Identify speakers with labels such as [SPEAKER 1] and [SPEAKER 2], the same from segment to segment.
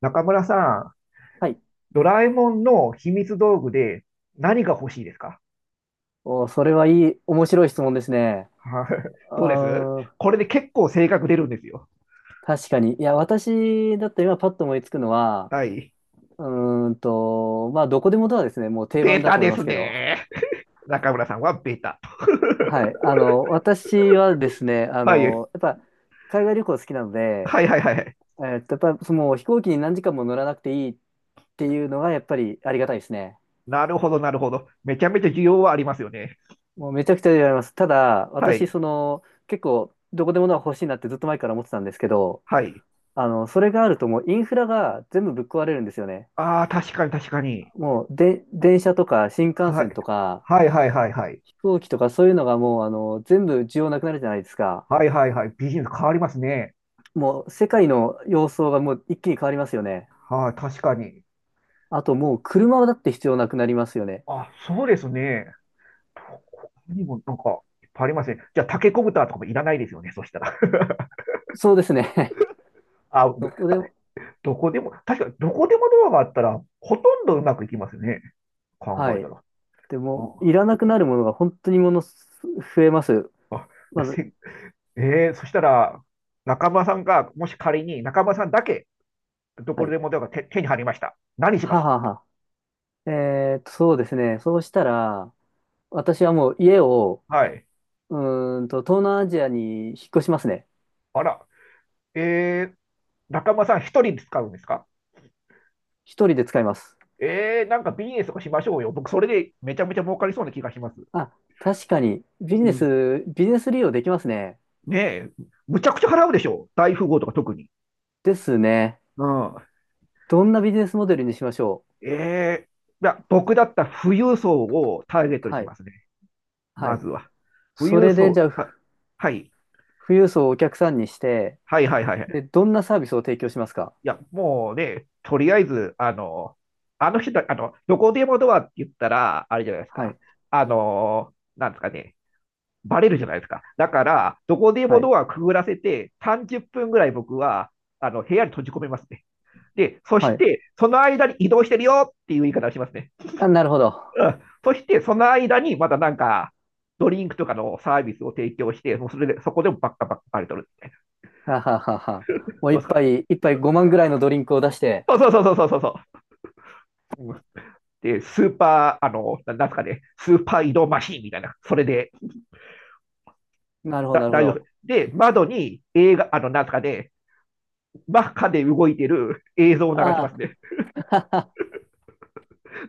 [SPEAKER 1] 中村さん、
[SPEAKER 2] はい。
[SPEAKER 1] ドラえもんの秘密道具で何が欲しいですか？
[SPEAKER 2] お、それはいい、面白い質問ですね。
[SPEAKER 1] はい。
[SPEAKER 2] あ
[SPEAKER 1] ど うです
[SPEAKER 2] ー、
[SPEAKER 1] これで結構性格出るんですよ。
[SPEAKER 2] 確かに。いや、私だったら今パッと思いつくのは、
[SPEAKER 1] はい。
[SPEAKER 2] うまあ、どこでもドアですね。もう定
[SPEAKER 1] ベ
[SPEAKER 2] 番だ
[SPEAKER 1] タ
[SPEAKER 2] と思い
[SPEAKER 1] で
[SPEAKER 2] ま
[SPEAKER 1] す
[SPEAKER 2] すけど。
[SPEAKER 1] ね。中村さんはベタ。
[SPEAKER 2] はい。私はですね、
[SPEAKER 1] はい。
[SPEAKER 2] やっぱ、海外旅行好きなので、
[SPEAKER 1] はいはいはいはい。
[SPEAKER 2] やっぱ、その飛行機に何時間も乗らなくていいっていうのが、やっぱりありがたいですね。
[SPEAKER 1] なるほど、なるほど。めちゃめちゃ需要はありますよね。
[SPEAKER 2] もうめちゃくちゃ言われます。ただ、
[SPEAKER 1] は
[SPEAKER 2] 私、
[SPEAKER 1] い。
[SPEAKER 2] その、結構、どこでもドア欲しいなってずっと前から思ってたんですけど、
[SPEAKER 1] はい。
[SPEAKER 2] それがあるともうインフラが全部ぶっ壊れるんですよね。
[SPEAKER 1] ああ、確かに確かに。
[SPEAKER 2] もうで、電車とか新幹
[SPEAKER 1] は
[SPEAKER 2] 線
[SPEAKER 1] い。
[SPEAKER 2] とか
[SPEAKER 1] はいはいはいはい。
[SPEAKER 2] 飛行機とかそういうのがもう全部需要なくなるじゃないですか。
[SPEAKER 1] はいはいはい。ビジネス変わりますね。
[SPEAKER 2] もう世界の様相がもう一気に変わりますよね。
[SPEAKER 1] はい、確かに。
[SPEAKER 2] あともう車だって必要なくなりますよね。
[SPEAKER 1] あ、そうですね。他にもなんか、いっぱいありますね。じゃあ、タケコブターとかもいらないですよね、そしたら。
[SPEAKER 2] そうですね。
[SPEAKER 1] あ、
[SPEAKER 2] どこでも、
[SPEAKER 1] どこでも、確かにどこでもドアがあったら、ほとんどうまくいきますよね。考
[SPEAKER 2] は
[SPEAKER 1] えた
[SPEAKER 2] い。
[SPEAKER 1] ら。
[SPEAKER 2] でも、い
[SPEAKER 1] あ、
[SPEAKER 2] らなくなるものが本当にものす増えます。
[SPEAKER 1] あで
[SPEAKER 2] まず、
[SPEAKER 1] せえー、そしたら、中村さんが、もし仮に中村さんだけ、ど
[SPEAKER 2] は
[SPEAKER 1] こ
[SPEAKER 2] い。
[SPEAKER 1] でもドアが手に入りました。何しま
[SPEAKER 2] はあ
[SPEAKER 1] す？
[SPEAKER 2] はあはあ。そうですね。そうしたら、私はもう家を、
[SPEAKER 1] はい。
[SPEAKER 2] う東南アジアに引っ越しますね。
[SPEAKER 1] あら、えー、中村さん一人で使うんですか？
[SPEAKER 2] 一人で使います。
[SPEAKER 1] えー、なんかビジネスとかしましょうよ。僕、それでめちゃめちゃ儲かりそうな気がします。
[SPEAKER 2] あ、確かに、ビジ
[SPEAKER 1] う
[SPEAKER 2] ネ
[SPEAKER 1] ん。
[SPEAKER 2] ス、ビジネス利用できますね。
[SPEAKER 1] ねえ、むちゃくちゃ払うでしょ。大富豪とか特に。
[SPEAKER 2] ですね。
[SPEAKER 1] うん。
[SPEAKER 2] どんなビジネスモデルにしましょ
[SPEAKER 1] ええいや、僕だったら富裕層をターゲッ
[SPEAKER 2] う。
[SPEAKER 1] トにし
[SPEAKER 2] は
[SPEAKER 1] ま
[SPEAKER 2] い。
[SPEAKER 1] すね。
[SPEAKER 2] は
[SPEAKER 1] ま
[SPEAKER 2] い。
[SPEAKER 1] ずは。富
[SPEAKER 2] そ
[SPEAKER 1] 裕
[SPEAKER 2] れで、じ
[SPEAKER 1] 層、
[SPEAKER 2] ゃあ、
[SPEAKER 1] は、はい。
[SPEAKER 2] 富裕層をお客さんにして、
[SPEAKER 1] はいはいはいはい。
[SPEAKER 2] で、どんなサービスを提供しますか？
[SPEAKER 1] いや、もうね、とりあえず、あの、あの人た、あの、どこでもドアって言ったら、あれじゃないです
[SPEAKER 2] は
[SPEAKER 1] か。
[SPEAKER 2] い。
[SPEAKER 1] あの、なんですかね。バレるじゃないですか。だから、どこで
[SPEAKER 2] は
[SPEAKER 1] も
[SPEAKER 2] い。
[SPEAKER 1] ドアくぐらせて、30分ぐらい僕は、あの、部屋に閉じ込めますね。で、そ
[SPEAKER 2] は
[SPEAKER 1] し
[SPEAKER 2] い。
[SPEAKER 1] て、その間に移動してるよっていう言い方をしますね。
[SPEAKER 2] あ、なるほど。
[SPEAKER 1] うん。そして、その間にまたなんか、ドリンクとかのサービスを提供して、もうそれで、そこでもばっかりとるみたいな。
[SPEAKER 2] はははは。もう
[SPEAKER 1] どうで
[SPEAKER 2] 一
[SPEAKER 1] すか？
[SPEAKER 2] 杯、一杯5万ぐらいのドリンクを出して。
[SPEAKER 1] そうそうそうそうそうそう。で、スーパー、あの、なんですかね、スーパー移動マシーンみたいな、それで、
[SPEAKER 2] なるほど、なるほ
[SPEAKER 1] 大丈夫。
[SPEAKER 2] ど。
[SPEAKER 1] で、窓に映画、あの、なんですかね、真っ赤で動いてる映像を流し
[SPEAKER 2] あ
[SPEAKER 1] ますね。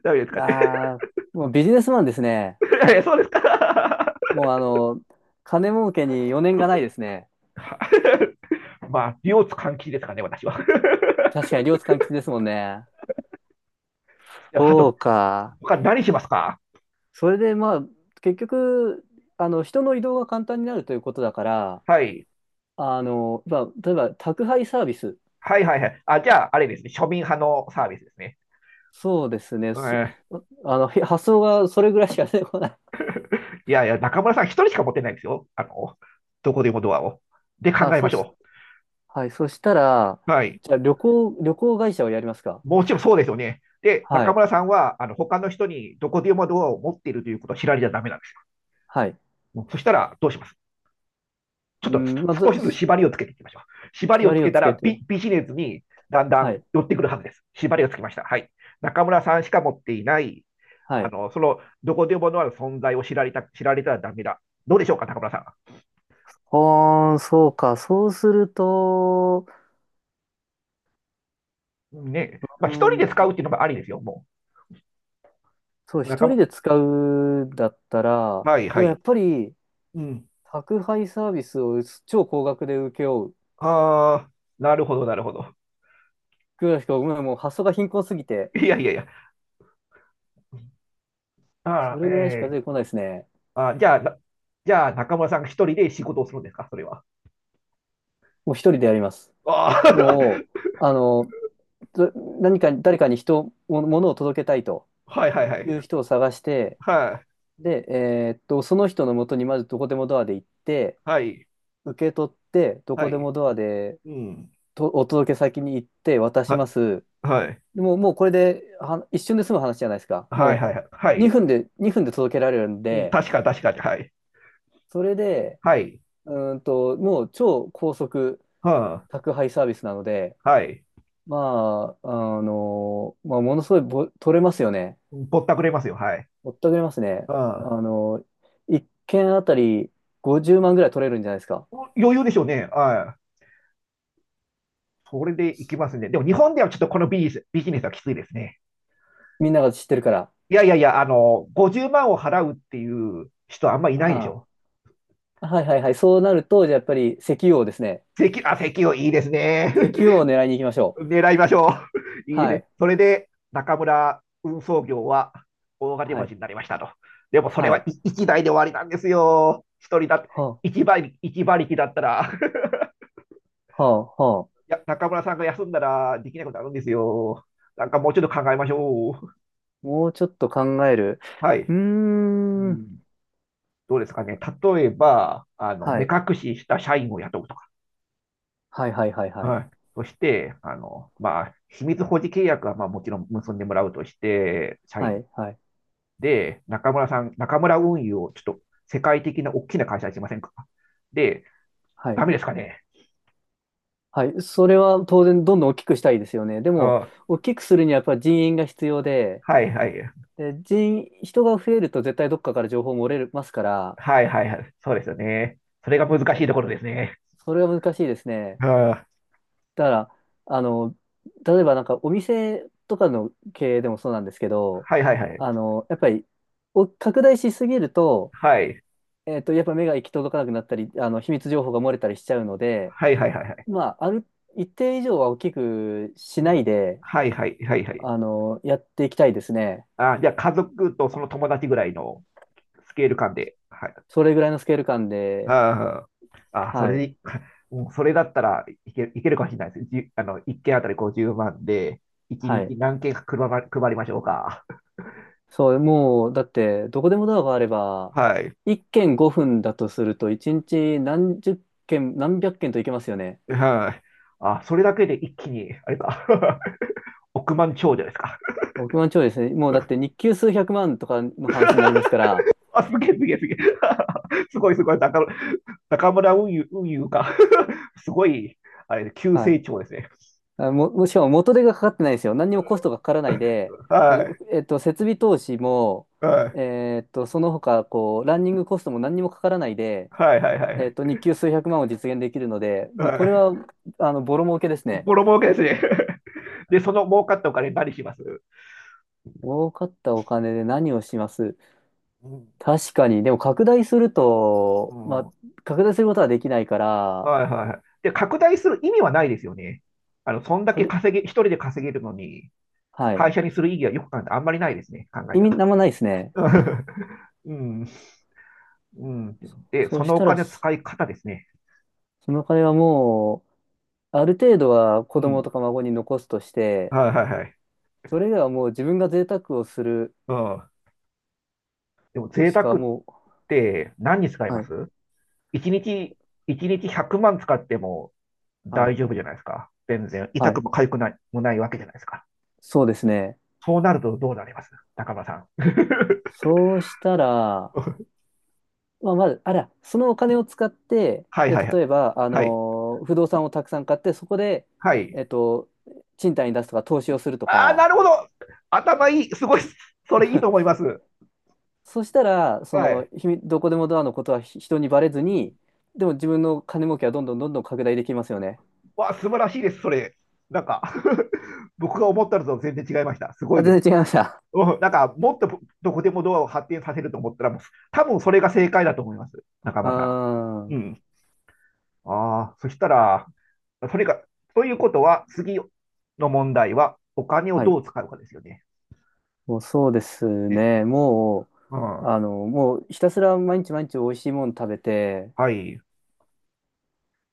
[SPEAKER 1] 大丈夫です
[SPEAKER 2] あ、
[SPEAKER 1] かね。
[SPEAKER 2] ああ、もうビジネスマンですね。
[SPEAKER 1] そうですか。
[SPEAKER 2] もう金儲けに余念がないですね。
[SPEAKER 1] まあ、両津換気ですかね、私は。
[SPEAKER 2] 確かに両津勘吉ですもんね。
[SPEAKER 1] ハ
[SPEAKER 2] そ
[SPEAKER 1] ト、
[SPEAKER 2] うか。
[SPEAKER 1] 他何しますか？
[SPEAKER 2] それでまあ、結局、人の移動が簡単になるということだから、
[SPEAKER 1] はい。
[SPEAKER 2] まあ、例えば宅配サービス。
[SPEAKER 1] はいはいはい。あ、じゃあ、あれですね。庶民派のサービスですね。
[SPEAKER 2] そうですね。
[SPEAKER 1] うん、
[SPEAKER 2] 発想がそれぐらいしか出てこない。
[SPEAKER 1] いやいや、中村さん一人しか持ってないんですよ。あの、どこでもドアを。で、考
[SPEAKER 2] あ、
[SPEAKER 1] えま
[SPEAKER 2] そ
[SPEAKER 1] し
[SPEAKER 2] し、
[SPEAKER 1] ょ
[SPEAKER 2] はい。そしたら、
[SPEAKER 1] う。はい。
[SPEAKER 2] じゃあ旅行、旅行会社をやりますか？
[SPEAKER 1] もちろんそうですよね。で、
[SPEAKER 2] は
[SPEAKER 1] 中
[SPEAKER 2] い。
[SPEAKER 1] 村さんは、あの、他の人にどこでもドアを持っているということを知られちゃダメなんです
[SPEAKER 2] はい。
[SPEAKER 1] よ。そしたら、どうします？ちょっ
[SPEAKER 2] う
[SPEAKER 1] と
[SPEAKER 2] ん、まあ、
[SPEAKER 1] 少
[SPEAKER 2] ず、
[SPEAKER 1] しずつ縛りをつけていきましょう。縛りを
[SPEAKER 2] 縛
[SPEAKER 1] つ
[SPEAKER 2] り
[SPEAKER 1] け
[SPEAKER 2] を
[SPEAKER 1] た
[SPEAKER 2] つけ
[SPEAKER 1] ら
[SPEAKER 2] てよ。
[SPEAKER 1] ビジネスにだんだ
[SPEAKER 2] は
[SPEAKER 1] ん
[SPEAKER 2] い。
[SPEAKER 1] 寄ってくるはずです。縛りをつけました。はい。中村さんしか持っていない、
[SPEAKER 2] は
[SPEAKER 1] あ
[SPEAKER 2] い。
[SPEAKER 1] の、その、どこでものある存在を知られたらダメだ。どうでしょうか、中村さ
[SPEAKER 2] ああ、そうか。そうすると、
[SPEAKER 1] ん。ね。ま
[SPEAKER 2] う
[SPEAKER 1] あ、一人で使
[SPEAKER 2] ん、
[SPEAKER 1] うっていうのもありですよ、も
[SPEAKER 2] そう、
[SPEAKER 1] う。中
[SPEAKER 2] 一人
[SPEAKER 1] 村、
[SPEAKER 2] で使うんだったら、
[SPEAKER 1] はい
[SPEAKER 2] で
[SPEAKER 1] は
[SPEAKER 2] もやっ
[SPEAKER 1] い。
[SPEAKER 2] ぱり、
[SPEAKER 1] うん。
[SPEAKER 2] 宅配サービスを超高額で請け負う
[SPEAKER 1] ああ、なるほど、なるほど。
[SPEAKER 2] ぐらいしか、ごめんもう発想が貧困すぎて、
[SPEAKER 1] いやいやいや。
[SPEAKER 2] そ
[SPEAKER 1] ああ、え
[SPEAKER 2] れぐらいしか
[SPEAKER 1] え
[SPEAKER 2] 出てこないですね。
[SPEAKER 1] ー、あーじゃあ、じゃあ、中村さんが一人で仕事をするんですか、それは。
[SPEAKER 2] もう一人でやります。
[SPEAKER 1] ああ、
[SPEAKER 2] もう、ど何か、誰かにも物を届けたいと
[SPEAKER 1] はいはいは
[SPEAKER 2] い
[SPEAKER 1] い。
[SPEAKER 2] う人を探して、
[SPEAKER 1] はい、
[SPEAKER 2] で、その人のもとにまずどこでもドアで行って、
[SPEAKER 1] はい。
[SPEAKER 2] 受け取って、ど
[SPEAKER 1] は
[SPEAKER 2] こで
[SPEAKER 1] い。
[SPEAKER 2] もドアで、
[SPEAKER 1] うん。
[SPEAKER 2] と、お届け先に行って渡しま
[SPEAKER 1] は、
[SPEAKER 2] す。
[SPEAKER 1] はい。
[SPEAKER 2] でもう、もうこれで、は、一瞬で済む話じゃないですか。
[SPEAKER 1] はい、
[SPEAKER 2] も
[SPEAKER 1] はい、は
[SPEAKER 2] う、
[SPEAKER 1] い。
[SPEAKER 2] 2分で、2分で届けられるん
[SPEAKER 1] うん、
[SPEAKER 2] で、
[SPEAKER 1] 確か、確かに。はい。
[SPEAKER 2] それで、
[SPEAKER 1] はい。
[SPEAKER 2] もう超高速
[SPEAKER 1] は
[SPEAKER 2] 宅配サービスなので、
[SPEAKER 1] あ、はい。
[SPEAKER 2] まあ、まあ、ものすごい取れますよね。
[SPEAKER 1] ぼったくれますよ。はい。
[SPEAKER 2] ぼったくれますね。
[SPEAKER 1] うん。
[SPEAKER 2] 1件あたり50万ぐらい取れるんじゃないですか？
[SPEAKER 1] 余裕でしょうね。はい。それでいきますね。でも、日本ではちょっとこのビジネス、ビジネスはきついですね。
[SPEAKER 2] みんなが知ってるから。
[SPEAKER 1] いやいやいや、あの、50万を払うっていう人はあんまいないでし
[SPEAKER 2] あ
[SPEAKER 1] ょ。
[SPEAKER 2] あ、はいはいはい。そうなると、じゃあやっぱり石油王ですね。
[SPEAKER 1] 席をいいですね。
[SPEAKER 2] 石油王を狙いに行きましょう。
[SPEAKER 1] 狙いましょう。いい
[SPEAKER 2] は
[SPEAKER 1] ね。
[SPEAKER 2] い。
[SPEAKER 1] それで、中村運送業は大金
[SPEAKER 2] は
[SPEAKER 1] 持ち
[SPEAKER 2] い。
[SPEAKER 1] になりましたと。でもそれ
[SPEAKER 2] は
[SPEAKER 1] は
[SPEAKER 2] い。
[SPEAKER 1] 1台で終わりなんですよ。一人だって、
[SPEAKER 2] は
[SPEAKER 1] 1馬力一馬力だったら。
[SPEAKER 2] あ、はあ、はあ。
[SPEAKER 1] いや、中村さんが休んだらできないことあるんですよ。なんかもうちょっと考えましょう。
[SPEAKER 2] もうちょっと考える。
[SPEAKER 1] は
[SPEAKER 2] う
[SPEAKER 1] い。
[SPEAKER 2] ー
[SPEAKER 1] う
[SPEAKER 2] ん。
[SPEAKER 1] ん、どうですかね。例えば、あの、
[SPEAKER 2] は
[SPEAKER 1] 目
[SPEAKER 2] い。
[SPEAKER 1] 隠しした社員を雇うとか。
[SPEAKER 2] はい、はい、はい、はい。
[SPEAKER 1] はい。そして、あの、まあ、秘密保持契約は、まあ、もちろん結んでもらうとして、社
[SPEAKER 2] は
[SPEAKER 1] 員
[SPEAKER 2] い、はい、
[SPEAKER 1] で、中村運輸をちょっと世界的な大きな会社にしませんか？で、
[SPEAKER 2] はい。
[SPEAKER 1] ダメですかね？
[SPEAKER 2] はい。それは当然どんどん大きくしたいですよね。でも、
[SPEAKER 1] あ、
[SPEAKER 2] 大きくするにはやっぱり人員が必要で、で、人が増えると絶対どっかから情報漏れますから、
[SPEAKER 1] はいはいはいはいはい。そうですよね。それが難しいところですね。
[SPEAKER 2] それは難しいですね。
[SPEAKER 1] あ、
[SPEAKER 2] だから、あの、例えばなんかお店とかの経営でもそうなんですけど、やっぱり、拡大しすぎると、やっぱ目が行き届かなくなったり、秘密情報が漏れたりしちゃうので、まあ、一定以上は大きくしないで、
[SPEAKER 1] はいはいはいはい。はいはいはいはい、はいはいはいはい。
[SPEAKER 2] やっていきたいですね。
[SPEAKER 1] あ、じゃあ家族とその友達ぐらいのスケール感で。はい。
[SPEAKER 2] それぐらいのスケール感で、
[SPEAKER 1] ああ、そ
[SPEAKER 2] はい、
[SPEAKER 1] れに、うん、それだったらいけるかもしれないです。じゅあの、1件あたり50万で、1
[SPEAKER 2] は
[SPEAKER 1] 日
[SPEAKER 2] い。
[SPEAKER 1] 何件配りましょうか。
[SPEAKER 2] そう、もう、だって、どこでもドアがあれば、
[SPEAKER 1] はい。
[SPEAKER 2] 1軒5分だとすると、1日何十件、何百件といけますよね。
[SPEAKER 1] はい。あ、それだけで一気に、あれか、億万長者ですか。
[SPEAKER 2] 億万長者ですね。もうだって日給数百万とかの話になりますから、
[SPEAKER 1] あ、すげえすげえすげえ。すごいすごい。中村運輸、運輸か。すごい、あれ、急
[SPEAKER 2] は
[SPEAKER 1] 成
[SPEAKER 2] い、
[SPEAKER 1] 長ですね。
[SPEAKER 2] もしかも元手がかかってないんですよ。何にもコストがかからないで、まあ、う
[SPEAKER 1] は
[SPEAKER 2] えっと、設備投資も、
[SPEAKER 1] い。はい。
[SPEAKER 2] その他、こう、ランニングコストも何にもかからないで、
[SPEAKER 1] はいはいはい。
[SPEAKER 2] 日給数百万を実現できるので、もう
[SPEAKER 1] は
[SPEAKER 2] これは、
[SPEAKER 1] い。
[SPEAKER 2] ボロ儲けですね。
[SPEAKER 1] ボロ儲けですね。で、その儲かったお金何します？
[SPEAKER 2] 儲かったお金で何をします？
[SPEAKER 1] うん。
[SPEAKER 2] 確かに。でも拡大する
[SPEAKER 1] う
[SPEAKER 2] と、ま
[SPEAKER 1] ん。
[SPEAKER 2] あ、
[SPEAKER 1] は
[SPEAKER 2] 拡大することはできないか
[SPEAKER 1] い
[SPEAKER 2] ら、
[SPEAKER 1] はいはい。で、拡大する意味はないですよね。あの、そんだ
[SPEAKER 2] か
[SPEAKER 1] け
[SPEAKER 2] く
[SPEAKER 1] 稼げ、一人で稼げるのに、
[SPEAKER 2] はい。
[SPEAKER 1] 会社にする意義はよく考えたらあんまりないですね。考え
[SPEAKER 2] 意
[SPEAKER 1] た
[SPEAKER 2] 味
[SPEAKER 1] ら。
[SPEAKER 2] なんもないですね。
[SPEAKER 1] うん、うん。で、
[SPEAKER 2] そ
[SPEAKER 1] そ
[SPEAKER 2] うし
[SPEAKER 1] のお
[SPEAKER 2] たら、
[SPEAKER 1] 金の使い方ですね。
[SPEAKER 2] そのお金はもう、ある程度は
[SPEAKER 1] う
[SPEAKER 2] 子供
[SPEAKER 1] ん。
[SPEAKER 2] とか孫に残すとして、
[SPEAKER 1] はいはいはい。
[SPEAKER 2] それではもう自分が贅沢をする
[SPEAKER 1] うん。でも、贅
[SPEAKER 2] し
[SPEAKER 1] 沢
[SPEAKER 2] か
[SPEAKER 1] っ
[SPEAKER 2] も
[SPEAKER 1] て何に使い
[SPEAKER 2] う、は
[SPEAKER 1] ま
[SPEAKER 2] い、
[SPEAKER 1] す？ 1 日、一日100万使っても
[SPEAKER 2] は
[SPEAKER 1] 大
[SPEAKER 2] い、
[SPEAKER 1] 丈夫じゃないですか。全然、
[SPEAKER 2] は
[SPEAKER 1] 痛く
[SPEAKER 2] い。
[SPEAKER 1] も痒くないもないわけじゃないですか。
[SPEAKER 2] そうですね。
[SPEAKER 1] そうなるとどうなります、中間さん？
[SPEAKER 2] そうしたら、まあ、まず、あら、そのお金を使って、
[SPEAKER 1] はい
[SPEAKER 2] じゃ
[SPEAKER 1] はいは
[SPEAKER 2] あ
[SPEAKER 1] い。
[SPEAKER 2] 例えば、
[SPEAKER 1] はい。
[SPEAKER 2] 不動産をたくさん買って、そこで、
[SPEAKER 1] はい。
[SPEAKER 2] えっと、賃貸に出すとか、投資をすると
[SPEAKER 1] ああ、な
[SPEAKER 2] か、
[SPEAKER 1] るほど。頭いい。すごい。それいいと思います。
[SPEAKER 2] そしたら、そ
[SPEAKER 1] は
[SPEAKER 2] の、
[SPEAKER 1] い。
[SPEAKER 2] 秘密どこでもドアのことは人にバレずに、でも自分の金儲けはどんどんどんどん拡大できますよね。
[SPEAKER 1] わあ、素晴らしいです、それ。なんか 僕が思ったのと全然違いました。すご
[SPEAKER 2] あ、
[SPEAKER 1] いです。
[SPEAKER 2] 全然違いました。
[SPEAKER 1] うん、なんか、もっとどこでもドアを発展させると思ったら、もう多分それが正解だと思います、中
[SPEAKER 2] あ
[SPEAKER 1] 村さん。う
[SPEAKER 2] ー、
[SPEAKER 1] ん。ああ、そしたら、それが、ということは、次の問題は、お金を
[SPEAKER 2] は
[SPEAKER 1] ど
[SPEAKER 2] い。
[SPEAKER 1] う使うかですよね。
[SPEAKER 2] もうそうです
[SPEAKER 1] ね。
[SPEAKER 2] ね。も
[SPEAKER 1] う
[SPEAKER 2] う、
[SPEAKER 1] ん。
[SPEAKER 2] もうひたすら毎日毎日美味しいもの食べて、
[SPEAKER 1] はい。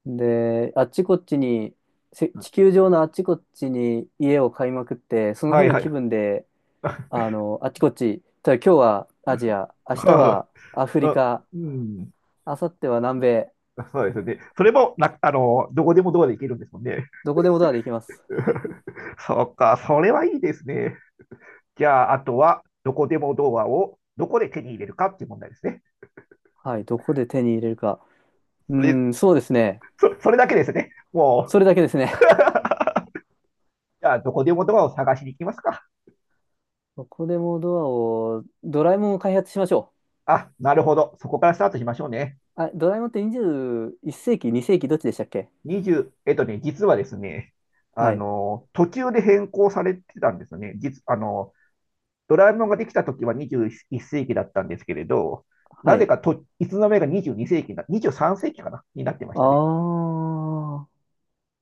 [SPEAKER 2] で、あっちこっちに、地球上のあっちこっちに家を買いまくって、その
[SPEAKER 1] は
[SPEAKER 2] 日
[SPEAKER 1] い
[SPEAKER 2] の
[SPEAKER 1] は
[SPEAKER 2] 気
[SPEAKER 1] い。
[SPEAKER 2] 分で、あっちこっち、例えば今日はアジア、明日 はアフ
[SPEAKER 1] う
[SPEAKER 2] リ
[SPEAKER 1] ん。
[SPEAKER 2] カ、
[SPEAKER 1] うん、
[SPEAKER 2] 明後日は南米、
[SPEAKER 1] そうですよね。それもな、あの、どこでもドアで行けるんですもんね。
[SPEAKER 2] どこでもドアで行きます。
[SPEAKER 1] そっか、それはいいですね。じゃあ、あとは、どこでもドアをどこで手に入れるかっていう問題ですね。
[SPEAKER 2] はい、どこで手に入れるか。うー
[SPEAKER 1] それ、
[SPEAKER 2] ん、そうですね。
[SPEAKER 1] それだけですね。も
[SPEAKER 2] そ
[SPEAKER 1] う、
[SPEAKER 2] れだけですね。
[SPEAKER 1] じゃあ、どこでもドアを探しに行きますか。
[SPEAKER 2] どこでもドアを、ドラえもんを開発しましょう。
[SPEAKER 1] あ、なるほど。そこからスタートしましょうね。
[SPEAKER 2] あ、ドラえもんって21世紀、2世紀どっちでしたっけ？
[SPEAKER 1] 20、えっとね、実はですね、あ
[SPEAKER 2] はい。
[SPEAKER 1] の、途中で変更されてたんですよね。あの、ドラえもんができた時は21世紀だったんですけれど、
[SPEAKER 2] は
[SPEAKER 1] なぜ
[SPEAKER 2] い。
[SPEAKER 1] かと、いつの間にか22世紀な、23世紀かなになってましたね。
[SPEAKER 2] ああ。